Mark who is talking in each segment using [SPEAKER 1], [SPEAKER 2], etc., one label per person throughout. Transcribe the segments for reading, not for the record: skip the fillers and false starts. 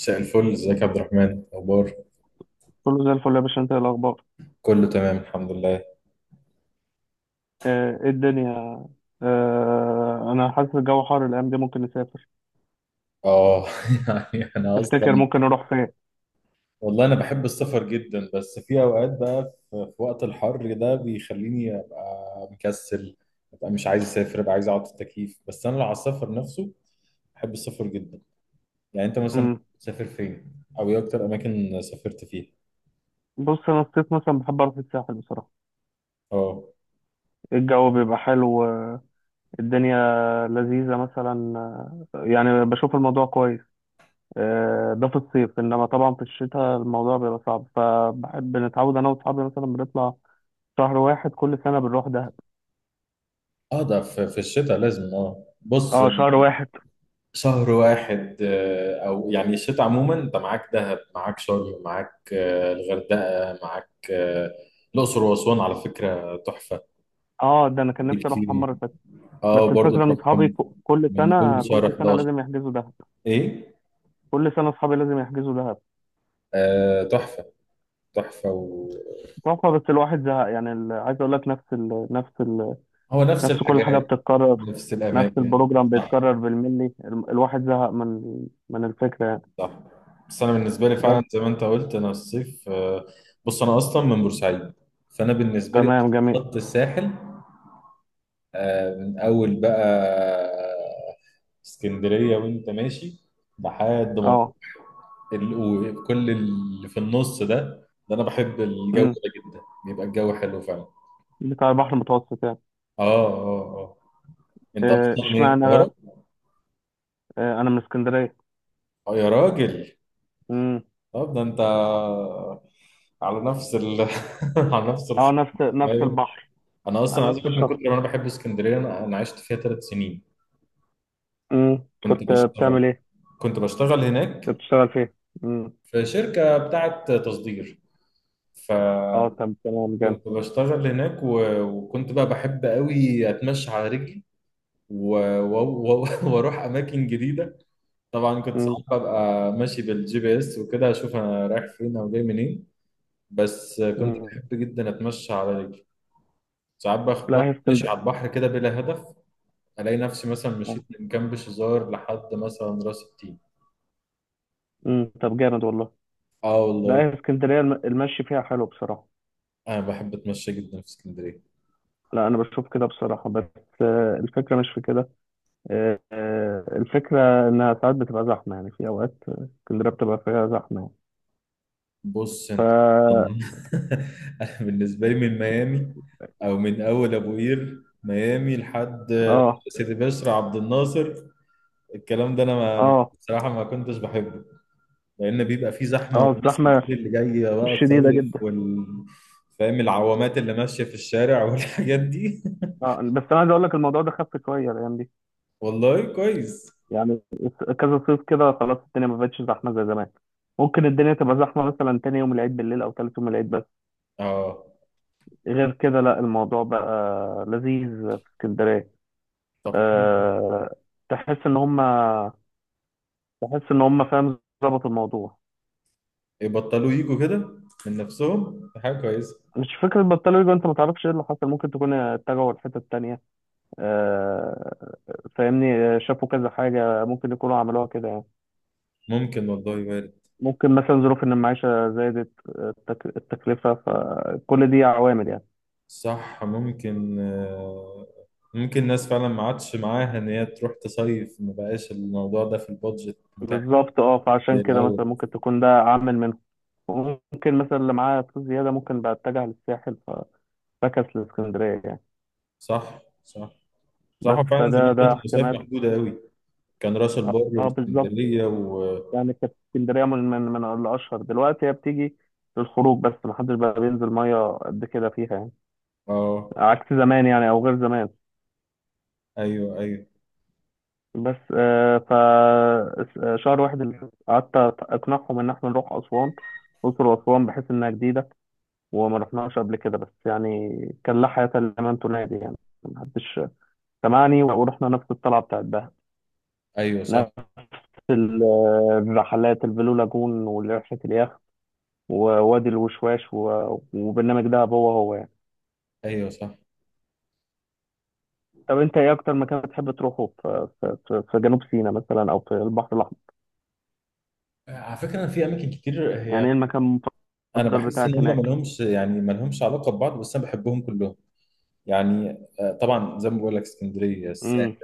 [SPEAKER 1] مساء الفل، ازيك يا عبد الرحمن؟ اخبار
[SPEAKER 2] كله زي الفل يا باشا، انت ايه الاخبار؟
[SPEAKER 1] كله تمام الحمد لله.
[SPEAKER 2] ايه الدنيا؟ انا حاسس الجو حر الايام دي. ممكن نسافر؟
[SPEAKER 1] اه يعني انا
[SPEAKER 2] تفتكر
[SPEAKER 1] اصلا
[SPEAKER 2] ممكن نروح فين؟
[SPEAKER 1] والله انا بحب السفر جدا، بس في اوقات بقى في وقت الحر ده بيخليني ابقى مكسل، ابقى مش عايز اسافر، ابقى عايز اقعد في التكييف، بس انا لو على السفر نفسه بحب السفر جدا. يعني انت مثلا
[SPEAKER 2] مم.
[SPEAKER 1] بتسافر فين او ايه اكتر اماكن سافرت فيها؟
[SPEAKER 2] بص انا الصيف مثلا بحب اروح الساحل بصراحه،
[SPEAKER 1] اه
[SPEAKER 2] الجو بيبقى حلو، الدنيا لذيذه مثلا. يعني بشوف الموضوع كويس. ده في الصيف، انما طبعا في الشتاء الموضوع بيبقى صعب، فبحب نتعود انا واصحابي مثلا بنطلع شهر واحد كل سنه بنروح دهب.
[SPEAKER 1] اه ده في الشتاء لازم، اه بص
[SPEAKER 2] اه، شهر واحد.
[SPEAKER 1] شهر واحد، او يعني الشتاء عموما انت معاك دهب، معاك شرم، معاك الغردقه، معاك الاقصر واسوان، على فكره تحفه.
[SPEAKER 2] اه ده انا كان نفسي
[SPEAKER 1] وجيت
[SPEAKER 2] اروح
[SPEAKER 1] فيهم؟
[SPEAKER 2] مره، بس
[SPEAKER 1] اه برضه
[SPEAKER 2] الفكرة إن أصحابي
[SPEAKER 1] تروحهم
[SPEAKER 2] كل
[SPEAKER 1] من
[SPEAKER 2] سنة
[SPEAKER 1] اول شهر
[SPEAKER 2] كل سنة
[SPEAKER 1] 11.
[SPEAKER 2] لازم يحجزوا دهب.
[SPEAKER 1] ايه؟
[SPEAKER 2] كل سنة أصحابي لازم يحجزوا دهب.
[SPEAKER 1] آه تحفه. تحفه
[SPEAKER 2] تحفة، بس الواحد زهق يعني. عايز أقول لك
[SPEAKER 1] هو نفس
[SPEAKER 2] نفس كل حاجة
[SPEAKER 1] الحاجات،
[SPEAKER 2] بتتكرر.
[SPEAKER 1] نفس
[SPEAKER 2] نفس
[SPEAKER 1] الاماكن.
[SPEAKER 2] البروجرام
[SPEAKER 1] صح
[SPEAKER 2] بيتكرر بالملي. الواحد زهق من من الفكرة يعني.
[SPEAKER 1] صح. بس انا بالنسبه لي
[SPEAKER 2] بس
[SPEAKER 1] فعلا زي ما انت قلت انا الصيف، بص انا اصلا من بورسعيد، فانا بالنسبه لي
[SPEAKER 2] تمام، جميل.
[SPEAKER 1] خط الساحل، من اول بقى اسكندريه وانت ماشي لحد ما
[SPEAKER 2] اه،
[SPEAKER 1] وكل اللي في النص ده، ده انا بحب الجو
[SPEAKER 2] امم،
[SPEAKER 1] ده جدا، بيبقى الجو حلو فعلا.
[SPEAKER 2] بتاع البحر المتوسط يعني.
[SPEAKER 1] اه اه اه. انت اصلا من
[SPEAKER 2] اشمعنى
[SPEAKER 1] القاهره؟
[SPEAKER 2] بقى؟ أنا من اسكندرية.
[SPEAKER 1] اه يا راجل،
[SPEAKER 2] امم.
[SPEAKER 1] طب ده انت على نفس ال على نفس
[SPEAKER 2] اه،
[SPEAKER 1] الخط.
[SPEAKER 2] نفس
[SPEAKER 1] ايوه.
[SPEAKER 2] البحر،
[SPEAKER 1] انا اصلا
[SPEAKER 2] على
[SPEAKER 1] عايز
[SPEAKER 2] نفس
[SPEAKER 1] اقول لك من
[SPEAKER 2] الشط.
[SPEAKER 1] كتر ما انا بحب اسكندريه، انا عشت فيها ثلاث سنين.
[SPEAKER 2] امم،
[SPEAKER 1] كنت
[SPEAKER 2] كنت
[SPEAKER 1] بشتغل
[SPEAKER 2] بتعمل إيه؟
[SPEAKER 1] كنت بشتغل
[SPEAKER 2] كنت
[SPEAKER 1] هناك
[SPEAKER 2] بتشتغل فين؟ امم،
[SPEAKER 1] في شركه بتاعه تصدير. ف
[SPEAKER 2] اه طب تمام.
[SPEAKER 1] كنت بشتغل هناك وكنت بقى بحب قوي اتمشى على رجلي و... و... و... واروح اماكن جديده. طبعا كنت ساعات
[SPEAKER 2] جامد.
[SPEAKER 1] ببقى ماشي بالجي بي اس وكده، اشوف انا رايح فين او جاي منين. بس كنت
[SPEAKER 2] مم.
[SPEAKER 1] بحب جدا اتمشى على رجلي. ساعات
[SPEAKER 2] لا
[SPEAKER 1] باخد
[SPEAKER 2] هي
[SPEAKER 1] ماشي
[SPEAKER 2] اسكندريه.
[SPEAKER 1] على البحر كده بلا هدف، الاقي نفسي مثلا مشيت من كامب شزار لحد مثلا راس التين.
[SPEAKER 2] طب جامد والله.
[SPEAKER 1] اه
[SPEAKER 2] لا
[SPEAKER 1] والله
[SPEAKER 2] هي اسكندريه المشي فيها حلو بصراحه.
[SPEAKER 1] انا بحب اتمشى جدا في اسكندريه.
[SPEAKER 2] لا انا بشوف كده بصراحه، بس الفكره مش في كده. الفكره انها ساعات بتبقى زحمه، يعني في اوقات، اسكندريه بتبقى فيها زحمه يعني.
[SPEAKER 1] بص انت،
[SPEAKER 2] ف
[SPEAKER 1] طبعاً. انا بالنسبه لي من ميامي، او من اول ابو قير ميامي لحد
[SPEAKER 2] اه،
[SPEAKER 1] سيدي بشر عبد الناصر، الكلام ده انا ما
[SPEAKER 2] اه،
[SPEAKER 1] بصراحه ما كنتش بحبه، لان بيبقى فيه زحمه
[SPEAKER 2] اه
[SPEAKER 1] وناس
[SPEAKER 2] الزحمه
[SPEAKER 1] كتير اللي جايه بقى
[SPEAKER 2] شديده
[SPEAKER 1] تصيف،
[SPEAKER 2] جدا.
[SPEAKER 1] فاهم، العوامات اللي ماشيه في الشارع والحاجات دي.
[SPEAKER 2] اه، بس انا عايز اقول لك الموضوع ده خف شويه الايام دي
[SPEAKER 1] والله كويس.
[SPEAKER 2] يعني. كذا صيف كده خلاص، الدنيا ما بقتش زحمه زي زمان. ممكن الدنيا تبقى زحمه مثلا تاني يوم العيد بالليل، او تالت يوم العيد.
[SPEAKER 1] اه
[SPEAKER 2] غير كده لا، الموضوع بقى لذيذ في اسكندرية.
[SPEAKER 1] طب حلو.
[SPEAKER 2] أه. تحس ان هم، تحس ان هم فاهم ظبط الموضوع.
[SPEAKER 1] يبطلوا يجوا كده من نفسهم، دي حاجه كويسه.
[SPEAKER 2] مش فكرة بطلوا يجوا، انت ما تعرفش ايه اللي حصل، ممكن تكون اتجهوا لحتة تانية. أه، فاهمني؟ شافوا كذا حاجة ممكن يكونوا عملوها كده يعني.
[SPEAKER 1] ممكن والله، وارد.
[SPEAKER 2] ممكن مثلا ظروف ان المعيشة زادت، التكلفة، فكل دي عوامل يعني.
[SPEAKER 1] صح ممكن، ممكن الناس فعلا ما عادش معاها ان هي تروح تصيف، ما بقاش الموضوع ده في البادجت متاح
[SPEAKER 2] بالظبط، اه،
[SPEAKER 1] زي
[SPEAKER 2] فعشان كده
[SPEAKER 1] الاول.
[SPEAKER 2] مثلا ممكن تكون ده عامل منهم. ممكن مثلا اللي معاه فلوس زيادة ممكن بقى اتجه للساحل، فكس لاسكندريه يعني.
[SPEAKER 1] صح صح.
[SPEAKER 2] بس
[SPEAKER 1] صح فعلا
[SPEAKER 2] فده
[SPEAKER 1] زمان
[SPEAKER 2] ده
[SPEAKER 1] كانت المصايف
[SPEAKER 2] احتمال.
[SPEAKER 1] محدوده قوي، كان راس البر
[SPEAKER 2] اه بالظبط،
[SPEAKER 1] واسكندريه و
[SPEAKER 2] يعني كانت اسكندريه من الاشهر. دلوقتي هي بتيجي للخروج بس، ما حدش بقى بينزل ميه قد كده فيها يعني.
[SPEAKER 1] اه.
[SPEAKER 2] عكس زمان يعني، او غير زمان.
[SPEAKER 1] ايوه ايوه.
[SPEAKER 2] بس آه ف شهر واحد اللي قعدت اقنعهم ان احنا نروح اسوان، الاقصر واسوان، بحيث انها جديده وما رحناش قبل كده، بس يعني كان لا حياه لمن تنادي يعني. ما حدش سمعني، ورحنا نفس الطلعه بتاعت دهب
[SPEAKER 1] ايوه صح.
[SPEAKER 2] في رحلات البلو لاجون، ورحلة اليخت، ووادي الوشواش، وبرنامج دهب هو هو يعني.
[SPEAKER 1] ايوه صح.
[SPEAKER 2] طب انت ايه اكتر مكان بتحب تروحه في، جنوب سيناء مثلا او في البحر الاحمر؟
[SPEAKER 1] على فكرة في أماكن كتير،
[SPEAKER 2] يعني
[SPEAKER 1] هي
[SPEAKER 2] ايه المكان
[SPEAKER 1] انا
[SPEAKER 2] المفضل
[SPEAKER 1] بحس
[SPEAKER 2] بتاعك
[SPEAKER 1] ان هم
[SPEAKER 2] هناك؟
[SPEAKER 1] مالهمش علاقه ببعض، بس انا بحبهم كلهم. يعني طبعا زي ما بقول لك اسكندريه، الساحل،
[SPEAKER 2] امم.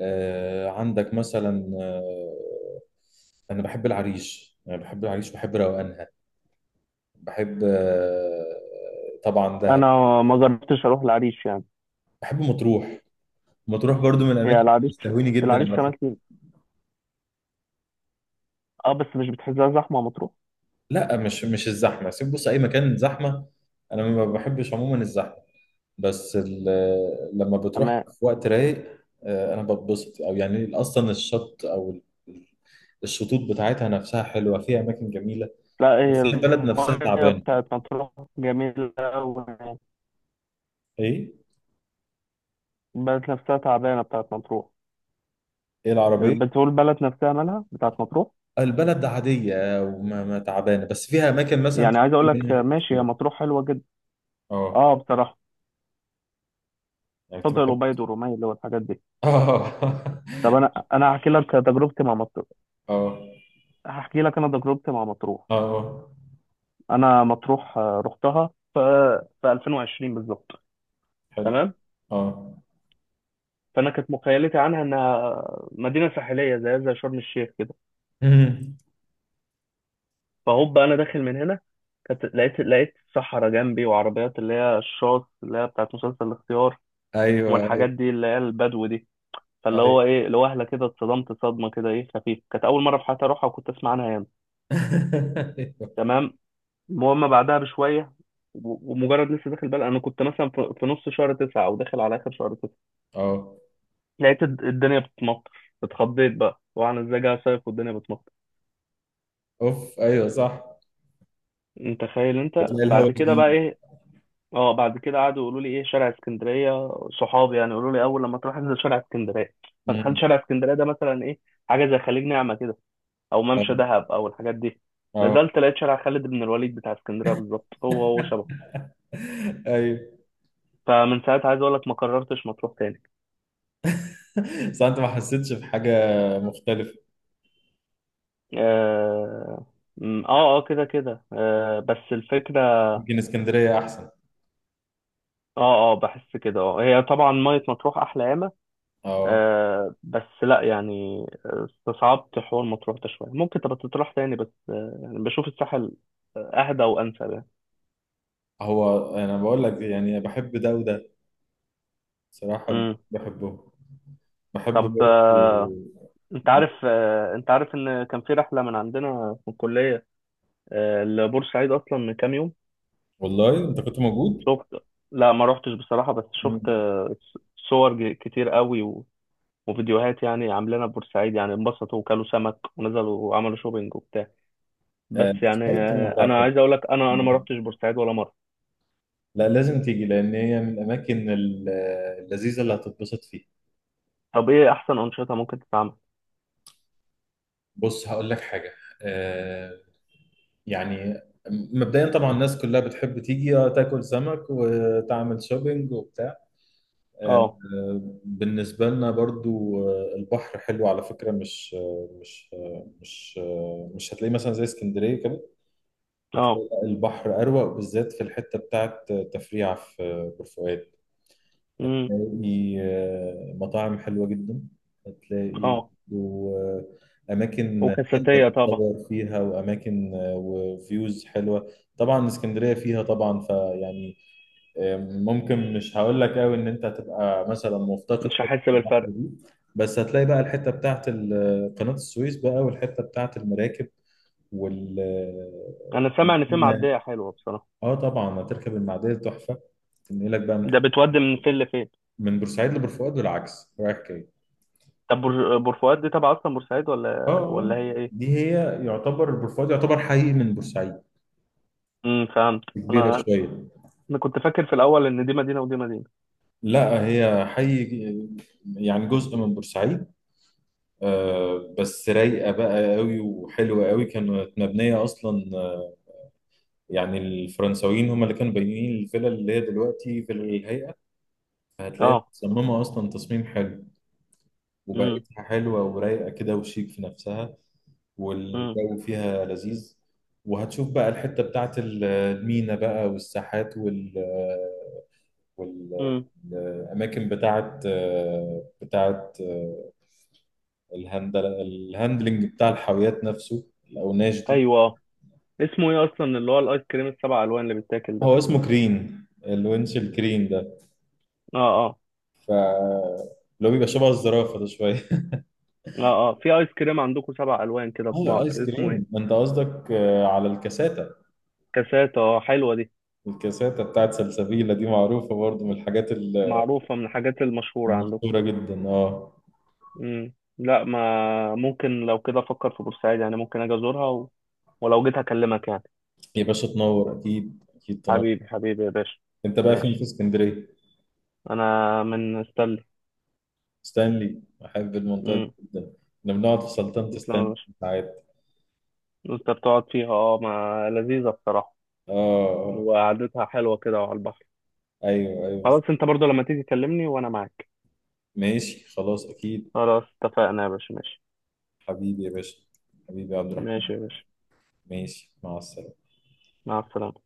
[SPEAKER 1] عندك مثلا، انا بحب العريش بحب روقانها. بحب طبعا دهب.
[SPEAKER 2] انا ما جربتش اروح العريش يعني.
[SPEAKER 1] بحب مطروح. مطروح برضو من الاماكن
[SPEAKER 2] هي
[SPEAKER 1] اللي
[SPEAKER 2] العريش،
[SPEAKER 1] بتستهويني جدا
[SPEAKER 2] العريش
[SPEAKER 1] على
[SPEAKER 2] شمال
[SPEAKER 1] فكره.
[SPEAKER 2] سيناء. اه بس مش بتحسها زحمه مطروح؟
[SPEAKER 1] لا مش الزحمه، سيب بص اي مكان زحمه، انا ما بحبش عموما الزحمه، بس لما بتروح
[SPEAKER 2] تمام.
[SPEAKER 1] في وقت رايق، انا بتبسط. او يعني اصلا الشط او الشطوط بتاعتها نفسها حلوه، فيها اماكن جميله.
[SPEAKER 2] لا
[SPEAKER 1] بس
[SPEAKER 2] هي
[SPEAKER 1] هي البلد نفسها
[SPEAKER 2] الميه
[SPEAKER 1] تعبانه.
[SPEAKER 2] بتاعت مطروح جميله أوي يعني.
[SPEAKER 1] ايه؟
[SPEAKER 2] البلد نفسها تعبانه بتاعت مطروح.
[SPEAKER 1] ايه العربيه؟
[SPEAKER 2] البترول، البلد نفسها مالها بتاعت مطروح.
[SPEAKER 1] البلد عادية، وما ما تعبانة، بس فيها أماكن مثلا
[SPEAKER 2] يعني عايز اقول
[SPEAKER 1] تاكل
[SPEAKER 2] لك
[SPEAKER 1] منها حاجات
[SPEAKER 2] ماشي، هي
[SPEAKER 1] كده.
[SPEAKER 2] مطروح حلوه جدا
[SPEAKER 1] اه
[SPEAKER 2] اه بصراحه.
[SPEAKER 1] يعني كنت
[SPEAKER 2] شاطئ
[SPEAKER 1] بحب.
[SPEAKER 2] الأبيض والرومية اللي هو الحاجات دي.
[SPEAKER 1] اه
[SPEAKER 2] طب انا هحكي لك تجربتي مع مطروح.
[SPEAKER 1] اه
[SPEAKER 2] هحكي لك انا تجربتي مع مطروح.
[SPEAKER 1] اه
[SPEAKER 2] انا مطروح رحتها في في 2020 بالظبط.
[SPEAKER 1] حلو.
[SPEAKER 2] تمام.
[SPEAKER 1] اه
[SPEAKER 2] فانا كانت مخيلتي عنها انها مدينه ساحليه زي شرم الشيخ كده.
[SPEAKER 1] مم.
[SPEAKER 2] فهوب انا داخل من هنا، كانت لقيت صحراء جنبي، وعربيات اللي هي الشاص، اللي هي بتاعت مسلسل الاختيار،
[SPEAKER 1] أيوه
[SPEAKER 2] والحاجات
[SPEAKER 1] أيوه.
[SPEAKER 2] دي اللي هي البدو دي. فاللي
[SPEAKER 1] أيوه
[SPEAKER 2] هو ايه، لوهله كده اتصدمت صدمه كده ايه خفيفه، كانت اول مره في حياتي اروحها وكنت اسمع عنها ياما.
[SPEAKER 1] أيوه.
[SPEAKER 2] تمام. المهم بعدها بشويه، ومجرد لسه داخل بقى، انا كنت مثلا في نص شهر تسعة او داخل على اخر شهر تسعة،
[SPEAKER 1] اه
[SPEAKER 2] لقيت الدنيا بتمطر. اتخضيت بقى، وانا ازاي جاي صيف والدنيا بتمطر.
[SPEAKER 1] أوف أيوه صح.
[SPEAKER 2] انت تخيل. انت
[SPEAKER 1] بتلاقي الهوا
[SPEAKER 2] بعد كده بقى
[SPEAKER 1] جديد.
[SPEAKER 2] ايه، اه بعد كده قعدوا يقولوا لي ايه شارع اسكندريه. صحابي يعني يقولوا لي اول لما تروح انزل شارع اسكندريه. فدخلت
[SPEAKER 1] مم.
[SPEAKER 2] شارع اسكندريه ده مثلا ايه، حاجه زي خليج نعمه كده، او ممشى
[SPEAKER 1] اه
[SPEAKER 2] دهب او الحاجات دي.
[SPEAKER 1] آه.
[SPEAKER 2] نزلت لقيت شارع خالد بن الوليد بتاع اسكندريه بالظبط، هو هو شبه.
[SPEAKER 1] أيوه.
[SPEAKER 2] فمن ساعتها عايز اقول لك ما قررتش مطروح تاني.
[SPEAKER 1] بس أنت ما حسيتش بحاجة مختلفة؟
[SPEAKER 2] اه، كده كده آه، بس الفكره
[SPEAKER 1] يمكن اسكندرية أحسن.
[SPEAKER 2] اه اه بحس كده اه. هي طبعا ميه مطروح احلى ياما
[SPEAKER 1] أه.
[SPEAKER 2] آه، بس لا يعني، استصعبت حوار مطروح ده شويه. ممكن تبقى تروح تاني، بس آه يعني بشوف الساحل اهدى وانسب يعني.
[SPEAKER 1] هو أنا بقول لك يعني بحب ده وده صراحة.
[SPEAKER 2] امم.
[SPEAKER 1] بحبه، بحب
[SPEAKER 2] طب
[SPEAKER 1] برضه.
[SPEAKER 2] آه، انت عارف انت عارف ان كان في رحله من عندنا في الكليه لبورسعيد اصلا من كام يوم؟
[SPEAKER 1] والله انت كنت موجود؟
[SPEAKER 2] شفت؟ لا ما روحتش بصراحه، بس شفت
[SPEAKER 1] مم.
[SPEAKER 2] صور كتير قوي وفيديوهات يعني عاملينها بورسعيد. يعني انبسطوا وكلوا سمك ونزلوا وعملوا شوبينج وبتاع. بس
[SPEAKER 1] آه،
[SPEAKER 2] يعني
[SPEAKER 1] سايد طول عمرها
[SPEAKER 2] انا
[SPEAKER 1] حلوة.
[SPEAKER 2] عايز اقول لك انا ما
[SPEAKER 1] بحب.
[SPEAKER 2] روحتش بورسعيد ولا مره.
[SPEAKER 1] لا لازم تيجي، لان هي من الاماكن اللذيذه اللي هتتبسط فيها.
[SPEAKER 2] طب ايه احسن انشطه ممكن تتعمل؟
[SPEAKER 1] بص هقول لك حاجه، آه، يعني مبدئيا طبعا الناس كلها بتحب تيجي تاكل سمك وتعمل شوبينج وبتاع، آه،
[SPEAKER 2] اه.
[SPEAKER 1] بالنسبه لنا برضو البحر حلو على فكره، مش مش هتلاقيه مثلا زي اسكندريه كده.
[SPEAKER 2] اه.
[SPEAKER 1] هتلاقي البحر أروق، بالذات في الحتة بتاعت تفريع في بورسعيد.
[SPEAKER 2] امم.
[SPEAKER 1] هتلاقي مطاعم حلوة جدا. هتلاقي
[SPEAKER 2] اه.
[SPEAKER 1] وأماكن حلوة
[SPEAKER 2] وكاساتيه طبعا.
[SPEAKER 1] تتصور فيها، وأماكن وفيوز حلوة. طبعا اسكندرية فيها طبعا فيعني، ممكن مش هقول لك قوي إن أنت هتبقى مثلا مفتقد
[SPEAKER 2] مش
[SPEAKER 1] حتة
[SPEAKER 2] هحس
[SPEAKER 1] البحر
[SPEAKER 2] بالفرق.
[SPEAKER 1] دي، بس هتلاقي بقى الحتة بتاعت قناة السويس بقى، والحتة بتاعت المراكب وال
[SPEAKER 2] انا سامع ان في
[SPEAKER 1] آه،
[SPEAKER 2] معديه حلوه بصراحه.
[SPEAKER 1] اه طبعا هتركب المعديه تحفه، تنقلك بقى من
[SPEAKER 2] ده بتودي من فين لفين؟
[SPEAKER 1] من بورسعيد لبورفؤاد والعكس رايح جاي.
[SPEAKER 2] طب بور فؤاد دي تبع اصلا بورسعيد،
[SPEAKER 1] اه
[SPEAKER 2] ولا
[SPEAKER 1] آه.
[SPEAKER 2] هي إيه؟
[SPEAKER 1] دي هي، يعتبر بورفؤاد يعتبر حي من بورسعيد
[SPEAKER 2] امم، فهمت.
[SPEAKER 1] كبيره
[SPEAKER 2] انا
[SPEAKER 1] شويه.
[SPEAKER 2] انا كنت فاكر في الاول ان دي مدينه ودي مدينه.
[SPEAKER 1] لا هي حي، يعني جزء من بورسعيد، آه بس رايقه بقى قوي وحلوه قوي. كانت مبنيه اصلا، يعني الفرنساويين هم اللي كانوا بانيين الفيلا اللي هي دلوقتي فيلا الهيئه، فهتلاقيها
[SPEAKER 2] اه.
[SPEAKER 1] متصممه اصلا تصميم حلو.
[SPEAKER 2] امم.
[SPEAKER 1] وبقيتها حلوه ورايقه كده وشيك في نفسها،
[SPEAKER 2] امم.
[SPEAKER 1] والجو فيها لذيذ. وهتشوف بقى الحتة بتاعت المينا بقى، والساحات وال وال-
[SPEAKER 2] امم.
[SPEAKER 1] الأماكن بتاعت الهاندلنج بتاع الحاويات نفسه، الأوناش دي.
[SPEAKER 2] ايوه، اه. اسمه ايه اصلا اللي هو الايس كريم السبع الوان اللي بيتاكل ده؟
[SPEAKER 1] هو اسمه كرين، الونش الكرين ده،
[SPEAKER 2] اه. اه.
[SPEAKER 1] ف لو بيبقى شبه الزرافة ده شوية.
[SPEAKER 2] اه. اه في ايس كريم عندكم سبع الوان كده في
[SPEAKER 1] اه
[SPEAKER 2] بعض،
[SPEAKER 1] ايس
[SPEAKER 2] اسمه ايه؟
[SPEAKER 1] كريم، انت قصدك على الكاساتا.
[SPEAKER 2] كاسات، اه حلوه دي.
[SPEAKER 1] الكاساتا بتاعت سلسبيلة دي معروفة برضو من الحاجات
[SPEAKER 2] معروفه من الحاجات المشهوره عندكم.
[SPEAKER 1] المشهورة جدا. اه
[SPEAKER 2] امم. لا ما ممكن، لو كده افكر في بورسعيد يعني، ممكن اجي ازورها ولو جيت هكلمك يعني.
[SPEAKER 1] يا باشا تنور، اكيد اكيد تنور.
[SPEAKER 2] حبيبي يا باشا.
[SPEAKER 1] انت بقى فين في
[SPEAKER 2] ماشي،
[SPEAKER 1] اسكندريه؟
[SPEAKER 2] انا من استنى.
[SPEAKER 1] ستانلي احب المنطقه دي
[SPEAKER 2] امم.
[SPEAKER 1] جدا، احنا بنقعد في سلطنه
[SPEAKER 2] تسلم يا
[SPEAKER 1] ستانلي
[SPEAKER 2] باشا.
[SPEAKER 1] ساعات.
[SPEAKER 2] انت بتقعد فيها؟ اه ما لذيذة بصراحة،
[SPEAKER 1] اه آه.
[SPEAKER 2] وقعدتها حلوة كده وعلى البحر.
[SPEAKER 1] ايوه ايوه.
[SPEAKER 2] خلاص، انت برضو لما تيجي كلمني وانا معاك.
[SPEAKER 1] ماشي خلاص اكيد.
[SPEAKER 2] خلاص اتفقنا يا باشا، ماشي.
[SPEAKER 1] حبيبي يا باشا، حبيبي يا عبد الرحمن.
[SPEAKER 2] ماشي يا باشا،
[SPEAKER 1] ماشي مع السلامه.
[SPEAKER 2] مع السلامة.